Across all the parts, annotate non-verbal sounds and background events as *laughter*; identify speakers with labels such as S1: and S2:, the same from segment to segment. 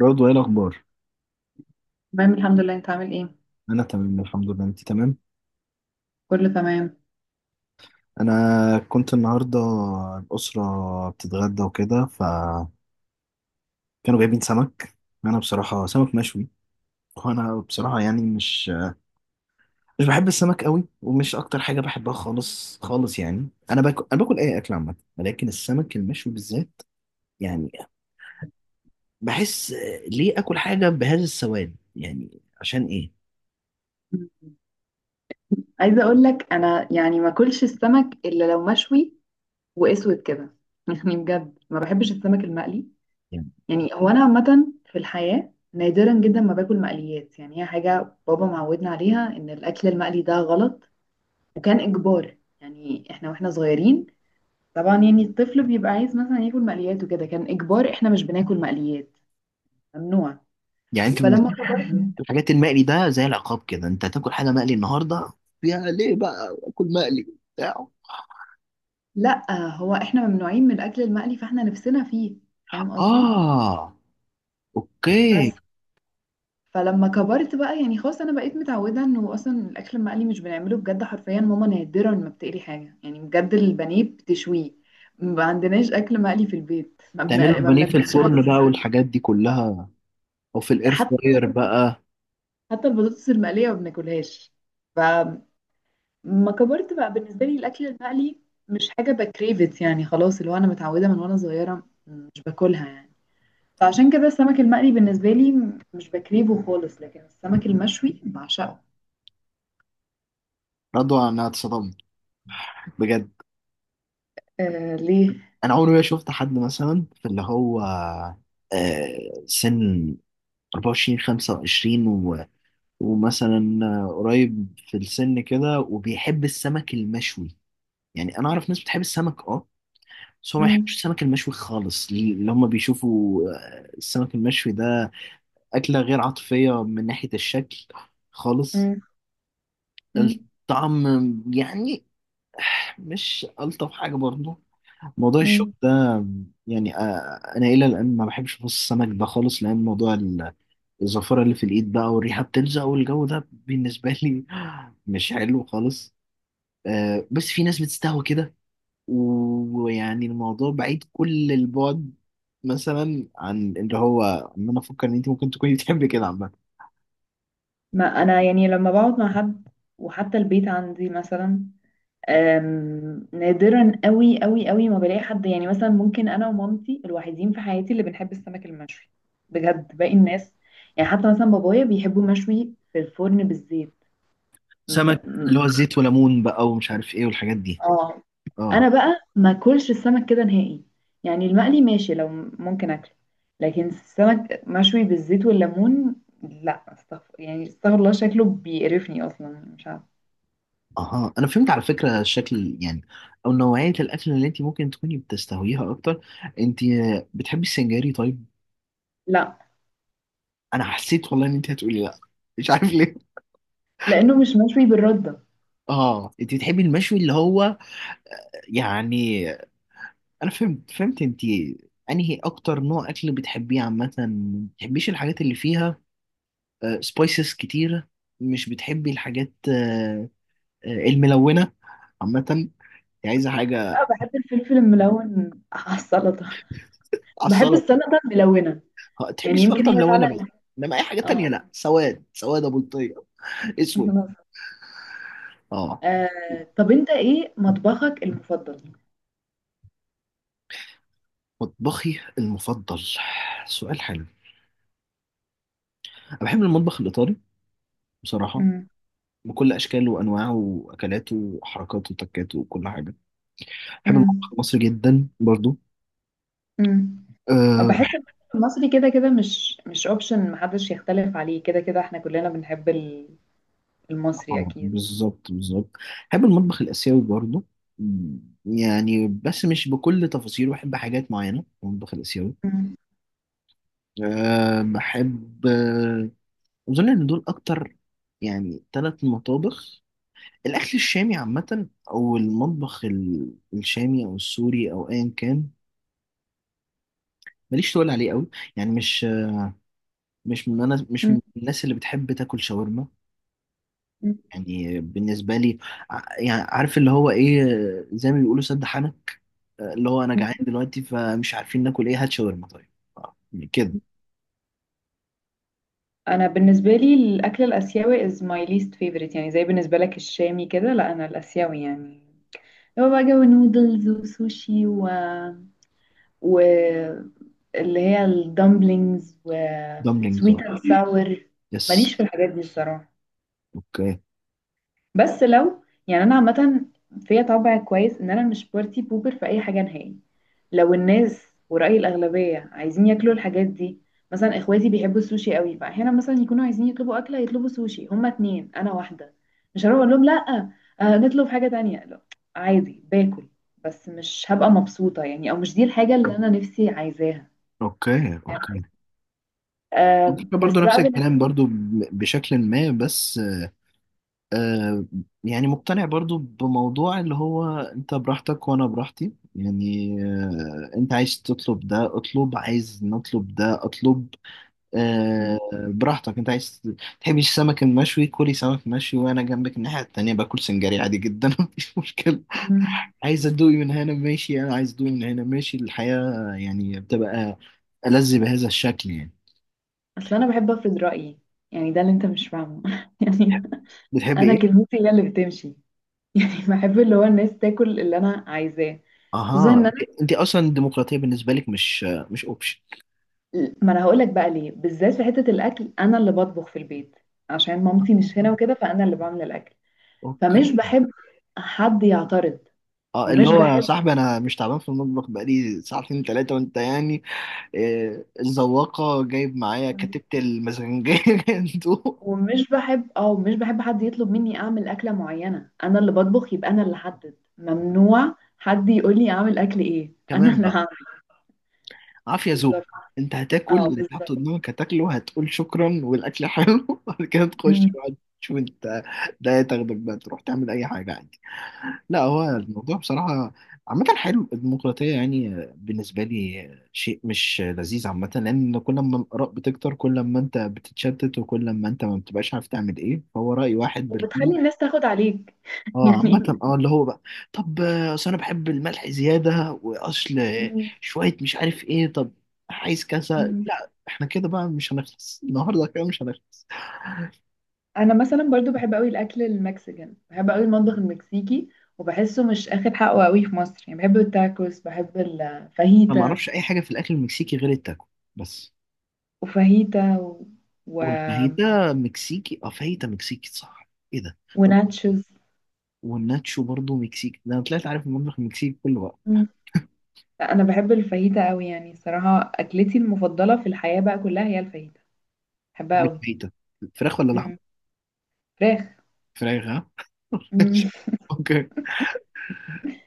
S1: برضو ايه الاخبار؟
S2: تمام الحمد لله، انت عامل ايه؟
S1: انا تمام الحمد لله، انت تمام؟
S2: كله تمام.
S1: انا كنت النهارده الاسره بتتغدى وكده، فكانوا جايبين سمك. انا بصراحه سمك مشوي، وانا بصراحه يعني مش بحب السمك قوي، ومش اكتر حاجه بحبها خالص خالص. يعني انا باكل اي اكل عامه، ولكن السمك المشوي بالذات يعني بحس، ليه اكل حاجه بهذا السواد؟ يعني عشان ايه؟
S2: مم. عايزه اقول لك، انا يعني ما اكلش السمك الا لو مشوي واسود كده *laughs* يعني بجد ما بحبش السمك المقلي.
S1: يعني
S2: يعني هو انا عامه في الحياه نادرا جدا ما باكل مقليات. يعني هي حاجه بابا معودنا عليها ان الاكل المقلي ده غلط. وكان اجبار يعني احنا واحنا صغيرين. طبعا يعني الطفل بيبقى عايز مثلا ياكل مقليات وكده كان اجبار احنا مش بناكل مقليات. ممنوع.
S1: يعني انت بالنسبه
S2: فلما كبرت.
S1: الحاجات المقلي ده زي العقاب كده، انت هتاكل حاجه مقلي النهارده يا ليه بقى اكل مقلي بتاع.
S2: لا، هو احنا ممنوعين من الاكل المقلي، فاحنا نفسنا فيه. فاهم قصدي؟
S1: اه اوكي.
S2: بس. فلما كبرت بقى يعني خلاص انا بقيت متعوده انه اصلا الاكل المقلي مش بنعمله. بجد حرفيا ماما نادرا ما بتقلي حاجه. يعني بجد البانيه بتشويه. ما عندناش اكل مقلي في البيت.
S1: تعملوا
S2: ما
S1: البانيه في
S2: بناكلش
S1: الفرن بقى
S2: بطاطس.
S1: والحاجات دي كلها، او في الاير
S2: حتى
S1: فراير بقى.
S2: حتى البطاطس المقليه ما بناكلهاش. فما كبرت بقى بالنسبه لي الاكل المقلي مش حاجه بكريفت. يعني خلاص اللي هو انا متعوده من وانا صغيره مش باكلها يعني. فعشان كده السمك المقلي بالنسبة لي مش بكرهه خالص، لكن السمك المشوي بعشقه.
S1: رضوى انا اتصدمت بجد.
S2: آه، ليه؟
S1: انا عمري ما شفت حد مثلا في اللي هو سن 24 25 و... ومثلا قريب في السن كده وبيحب السمك المشوي. يعني انا اعرف ناس بتحب السمك، اه، بس هو ما يحبش
S2: مم.
S1: السمك المشوي خالص، ليه اللي هم بيشوفوا السمك المشوي ده أكلة غير عاطفية من ناحية الشكل خالص.
S2: مم. مم.
S1: الطعم يعني مش ألطف حاجة برضه، موضوع الشوك
S2: مم.
S1: ده. يعني أنا إلى الآن ما بحبش أبص السمك ده خالص، لأن موضوع الزفرة اللي في الإيد بقى والريحة بتلزق والجو ده بالنسبة *laughs* لي مش حلو خالص. بس في ناس بتستهوى كده، ويعني الموضوع بعيد كل البعد مثلا عن اللي هو ان انا افكر ان انت ممكن تكوني *laughs* بتحبي كده عامه.
S2: ما أنا يعني لما بقعد مع حد، وحتى البيت عندي مثلا، نادرا قوي قوي قوي ما بلاقي حد. يعني مثلا ممكن أنا ومامتي الوحيدين في حياتي اللي بنحب السمك المشوي. بجد باقي الناس، يعني حتى مثلا بابايا بيحبوا مشوي في الفرن بالزيت. م-
S1: سمك
S2: م-
S1: اللي هو زيت وليمون بقى ومش عارف ايه والحاجات دي.
S2: اه.
S1: اه.
S2: انا بقى ما اكلش السمك كده نهائي. يعني المقلي ماشي لو ممكن اكله، لكن السمك مشوي بالزيت والليمون، لا، استغفر. يعني استغفر الله شكله بيقرفني اصلا مش عارفه.
S1: اها انا فهمت على فكره الشكل يعني، او نوعيه الاكل اللي انت ممكن تكوني بتستهويها اكتر. انت بتحبي السنجاري طيب؟
S2: لا،
S1: انا حسيت والله ان انت هتقولي لا، مش عارف ليه.
S2: لانه مش مشوي بالرده.
S1: اه انت بتحبي المشوي اللي هو يعني، انا فهمت انت انهي اكتر نوع اكل بتحبيه عامه. ما بتحبيش الحاجات اللي فيها سبايسز كتيره، مش بتحبي الحاجات الملونه عامه، انت عايزه حاجه
S2: لا، بحب الفلفل الملون *laughs* على السلطه.
S1: على
S2: بحب
S1: السلطه.
S2: السلطه الملونه.
S1: تحبي
S2: يعني يمكن
S1: السلطه
S2: هي
S1: ملونه بس،
S2: فعلا.
S1: انما اي حاجه
S2: اه.
S1: تانية لا، سواد سواد ابو بلطيه اسود.
S2: *laughs*
S1: اه.
S2: طب انت ايه مطبخك المفضل؟
S1: مطبخي المفضل؟ سؤال حلو. انا بحب المطبخ الايطالي بصراحه بكل اشكاله وانواعه واكلاته وحركاته وتكاته وكل حاجه. بحب المطبخ
S2: امم.
S1: المصري جدا برضو.
S2: امم.
S1: أه بحب.
S2: بحس المثل المصري كده كده مش اوبشن، محدش يختلف عليه. كده كده احنا كلنا بنحب المصري
S1: طبعاً،
S2: اكيد.
S1: بالظبط بالظبط. بحب المطبخ الآسيوي برضه، م، يعني بس مش بكل تفاصيله، بحب حاجات معينة في المطبخ الآسيوي.
S2: مم.
S1: أه بحب أظن إن دول أكتر يعني ثلاث مطابخ. الأكل الشامي عامة أو المطبخ الشامي أو السوري أو أيا كان، ماليش تقول عليه قوي. يعني مش مش من أنا مش
S2: مم.
S1: من الناس اللي بتحب تاكل شاورما.
S2: مم.
S1: يعني بالنسبة لي يعني عارف اللي هو إيه، زي ما بيقولوا سد حنك، اللي هو انا
S2: مم.
S1: جعان دلوقتي فمش عارفين ناكل ايه، هات شاورما طيب. آه، كده.
S2: انا بالنسبه لي الاكل الاسيوي is my least favorite، يعني زي بالنسبه لك الشامي كده. لا انا الاسيوي، يعني هو بقى جو نودلز وسوشي و اللي هي الدمبلينجز و
S1: دمبلينجز
S2: sweet
S1: اه.
S2: and sour. ماليش
S1: يس.
S2: في الحاجات دي الصراحه.
S1: اوكي
S2: بس لو يعني انا عامه فيا طبع كويس ان انا مش بارتي بوبر في اي حاجه نهائي. لو الناس ورأي الاغلبيه عايزين ياكلوا الحاجات دي، مثلا اخواتي بيحبوا السوشي قوي. فاحيانا مثلا يكونوا عايزين يطلبوا اكله يطلبوا سوشي، هما اتنين انا واحده. مش هروح اقول لهم لا، آه نطلب حاجه تانية. لا، عادي باكل، بس مش هبقى مبسوطه يعني، او مش دي الحاجه اللي انا نفسي عايزاها.
S1: اوكي اوكي.
S2: آه
S1: الفكرة برضو
S2: بس
S1: نفس
S2: بقى بالنسبه.
S1: الكلام برضو بشكل ما بس. آه، يعني مقتنع برضو بموضوع اللي هو انت براحتك وانا براحتي. يعني آه انت عايز تطلب ده اطلب، عايز نطلب ده اطلب.
S2: م-
S1: آه، براحتك. انت عايز تحبش السمك المشوي كلي سمك مشوي، وانا جنبك الناحية التانية باكل سنجاري عادي جدا *laughs* مفيش مشكلة.
S2: م-
S1: عايز ادوقي من هنا ماشي، انا عايز ادوقي من هنا ماشي. الحياة يعني بتبقى ألذ بهذا الشكل يعني.
S2: اصل انا بحب افرض رأيي. يعني ده اللي انت مش فاهمه *laughs* يعني
S1: بتحبي
S2: انا
S1: ايه؟
S2: كلمتي هي اللي بتمشي *laughs* يعني بحب اللي هو الناس تاكل اللي انا عايزاه. خصوصا
S1: اها
S2: ان انا،
S1: انت اصلا الديمقراطية بالنسبة لك مش مش اوبشن.
S2: ما انا هقول لك بقى ليه، بالذات في حته الاكل انا اللي بطبخ في البيت. عشان مامتي مش
S1: آه،
S2: هنا وكده، فانا اللي بعمل الاكل. فمش
S1: اوكي.
S2: بحب حد يعترض.
S1: اه اللي
S2: ومش
S1: هو يا
S2: بحب
S1: صاحبي انا مش تعبان في المطبخ بقالي ساعتين ثلاثه وانت يعني الزواقه جايب معايا كتبت المزنجيه *laughs* انتوا
S2: ومش بحب مش بحب حد يطلب مني اعمل اكله معينه. انا اللي بطبخ يبقى انا اللي احدد. ممنوع حد يقول لي اعمل اكل ايه *laughs* انا
S1: كمان
S2: اللي هعمل.
S1: بقى. عافية ذوق.
S2: بالظبط.
S1: انت هتاكل
S2: اه
S1: اللي تحط
S2: بالظبط.
S1: قدامك هتاكله، هتقول شكرا والاكل حلو *laughs* وبعد كده تخش
S2: أمم.
S1: بقى تشوف انت ده، تاخدك بقى تروح تعمل اي حاجة عادي. لا هو الموضوع بصراحة عامة حلو الديمقراطية يعني، بالنسبة لي شيء مش لذيذ عامة، لأن كل ما الآراء بتكتر كل ما أنت بتتشتت، وكل ما أنت ما بتبقاش عارف تعمل إيه، فهو رأي واحد بالكل.
S2: وبتخلي الناس تاخد عليك *laughs*
S1: اه
S2: يعني.
S1: عامة اه اللي هو بقى طب اصل انا بحب الملح زيادة، واصل
S2: مم.
S1: شوية مش عارف ايه، طب عايز كذا،
S2: مم.
S1: لا احنا كده بقى مش هنخلص *laughs* النهارده كده مش هنخلص.
S2: انا مثلا برضو بحب قوي الاكل المكسيكان، بحب قوي المطبخ المكسيكي. وبحسه مش اخد حقه قوي في مصر. يعني بحب التاكوس بحب
S1: انا ما
S2: الفاهيتا
S1: اعرفش اي حاجة في الاكل المكسيكي غير التاكو بس.
S2: وفاهيتا و...
S1: والفاهيتا مكسيكي؟ اه فاهيتا مكسيكي صح ايه ده. طب
S2: وناتشوز.
S1: والناتشو برضو مكسيكي؟ ده انا طلعت عارف المطبخ المكسيكي كله بقى.
S2: مم. لا، انا بحب الفاهيتا قوي. يعني صراحة اكلتي المفضلة في الحياة بقى كلها هي الفاهيتا. بحبها
S1: بحب
S2: قوي.
S1: الفاهيتا. فراخ ولا لحم؟
S2: مم. فراخ.
S1: فراخ ها. *laughs*
S2: مم.
S1: ماشي.
S2: *laughs*
S1: اوكي.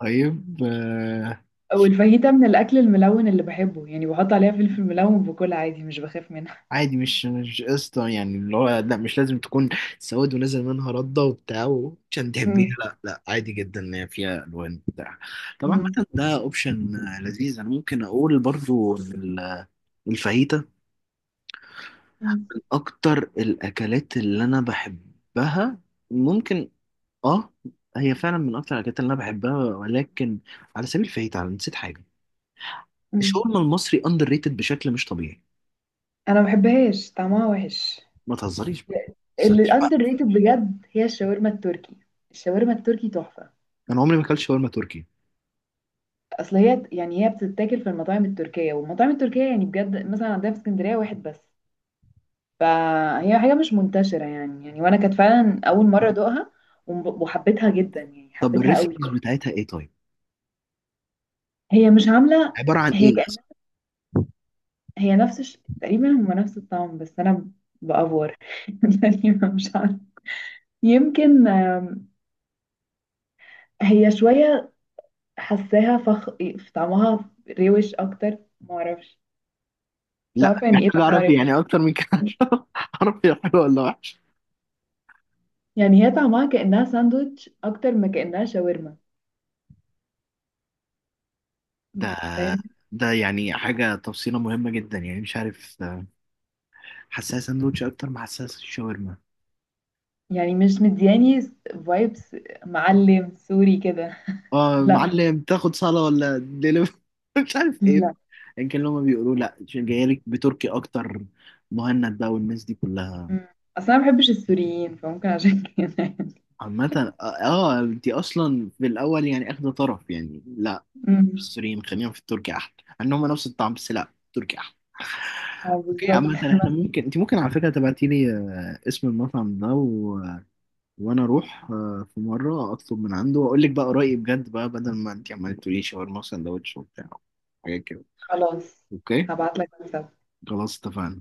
S1: طيب
S2: والفاهيتا من الاكل الملون اللي بحبه. يعني بحط عليها فلفل ملون وباكلها عادي مش بخاف منها.
S1: عادي مش مش قصة يعني اللي هو، لا مش لازم تكون سواد ونازل منها ردة وبتاع وعشان
S2: مم.
S1: تحبيها، لا لا عادي جدا ان هي فيها الوان بتاع. طبعا
S2: مم.
S1: مثلا ده اوبشن لذيذ. انا ممكن اقول برضو إن الفاهيتا من
S2: *laughs*
S1: اكتر الاكلات اللي انا بحبها، ممكن، اه. هي فعلا من اكتر الاكلات اللي انا بحبها، ولكن على سبيل الفاهيتا انا نسيت حاجة.
S2: مم.
S1: الشاورما المصري اندر ريتد بشكل مش طبيعي.
S2: انا ما بحبهاش طعمها وحش.
S1: ما تهزريش بقى ما
S2: اللي
S1: تهزريش بقى.
S2: اندر ريتد بجد هي الشاورما التركي. الشاورما التركي تحفه.
S1: انا عمري ما اكلت شاورما تركي.
S2: اصل هي يعني هي بتتاكل في المطاعم التركيه، والمطاعم التركيه يعني بجد مثلا عندنا في اسكندريه واحد بس. فهي حاجه مش منتشره يعني وانا كانت فعلا اول مره ادوقها. وحبيتها جدا يعني
S1: طب
S2: حبيتها قوي.
S1: الريسبيز بتاعتها ايه طيب؟
S2: هي مش عامله.
S1: عباره عن
S2: هي
S1: ايه مثلا؟
S2: كأن- هي نفس تقريبا هما نفس الطعم، بس انا بافور *laughs* يعني مش عارفه. يمكن هي شويه حاساها فخ. طعمها روش اكتر معرفش. مش
S1: لا
S2: عارفه يعني ايه
S1: محتاج
S2: طعمها
S1: اعرف
S2: روش.
S1: يعني اكتر من كده، عشان اعرف هي حلوه ولا وحشه.
S2: يعني هي طعمها كأنها ساندوتش أكتر ما كأنها شاورما.
S1: ده
S2: فاهم؟
S1: ده يعني حاجه تفصيله مهمه جدا يعني مش عارف، حساسه ساندوتش اكتر ما حساسه الشاورما.
S2: يعني مش مدياني فايبس. معلم سوري كده.
S1: اه
S2: لا،
S1: معلم، تاخد صاله ولا دليفري؟ *laughs* مش عارف ايه.
S2: لا.
S1: يمكن لما بيقولوا لا جايه لك بتركي اكتر، مهند بقى والناس دي كلها.
S2: مم. أصلا ما بحبش السوريين فممكن عشان كده.
S1: عامة اه انتي اصلا في الاول يعني اخده طرف يعني لا،
S2: مم.
S1: السوريين خلينا في التركي احلى. انهم نفس الطعم، بس لا التركي احلى.
S2: اه
S1: اوكي
S2: بالظبط
S1: عامة
S2: *laughs*
S1: احنا
S2: بس.
S1: ممكن، انت ممكن على فكرة تبعتي لي اسم المطعم ده و... وانا اروح في مرة اطلب من عنده واقول لك بقى رأيي بجد بقى، بدل ما انت عمالة تقولي شاورما وسندوتش وبتاع حاجات كده.
S2: خلاص،
S1: اوكي.
S2: هبعتلك واتساب.
S1: خلاص اتفقنا.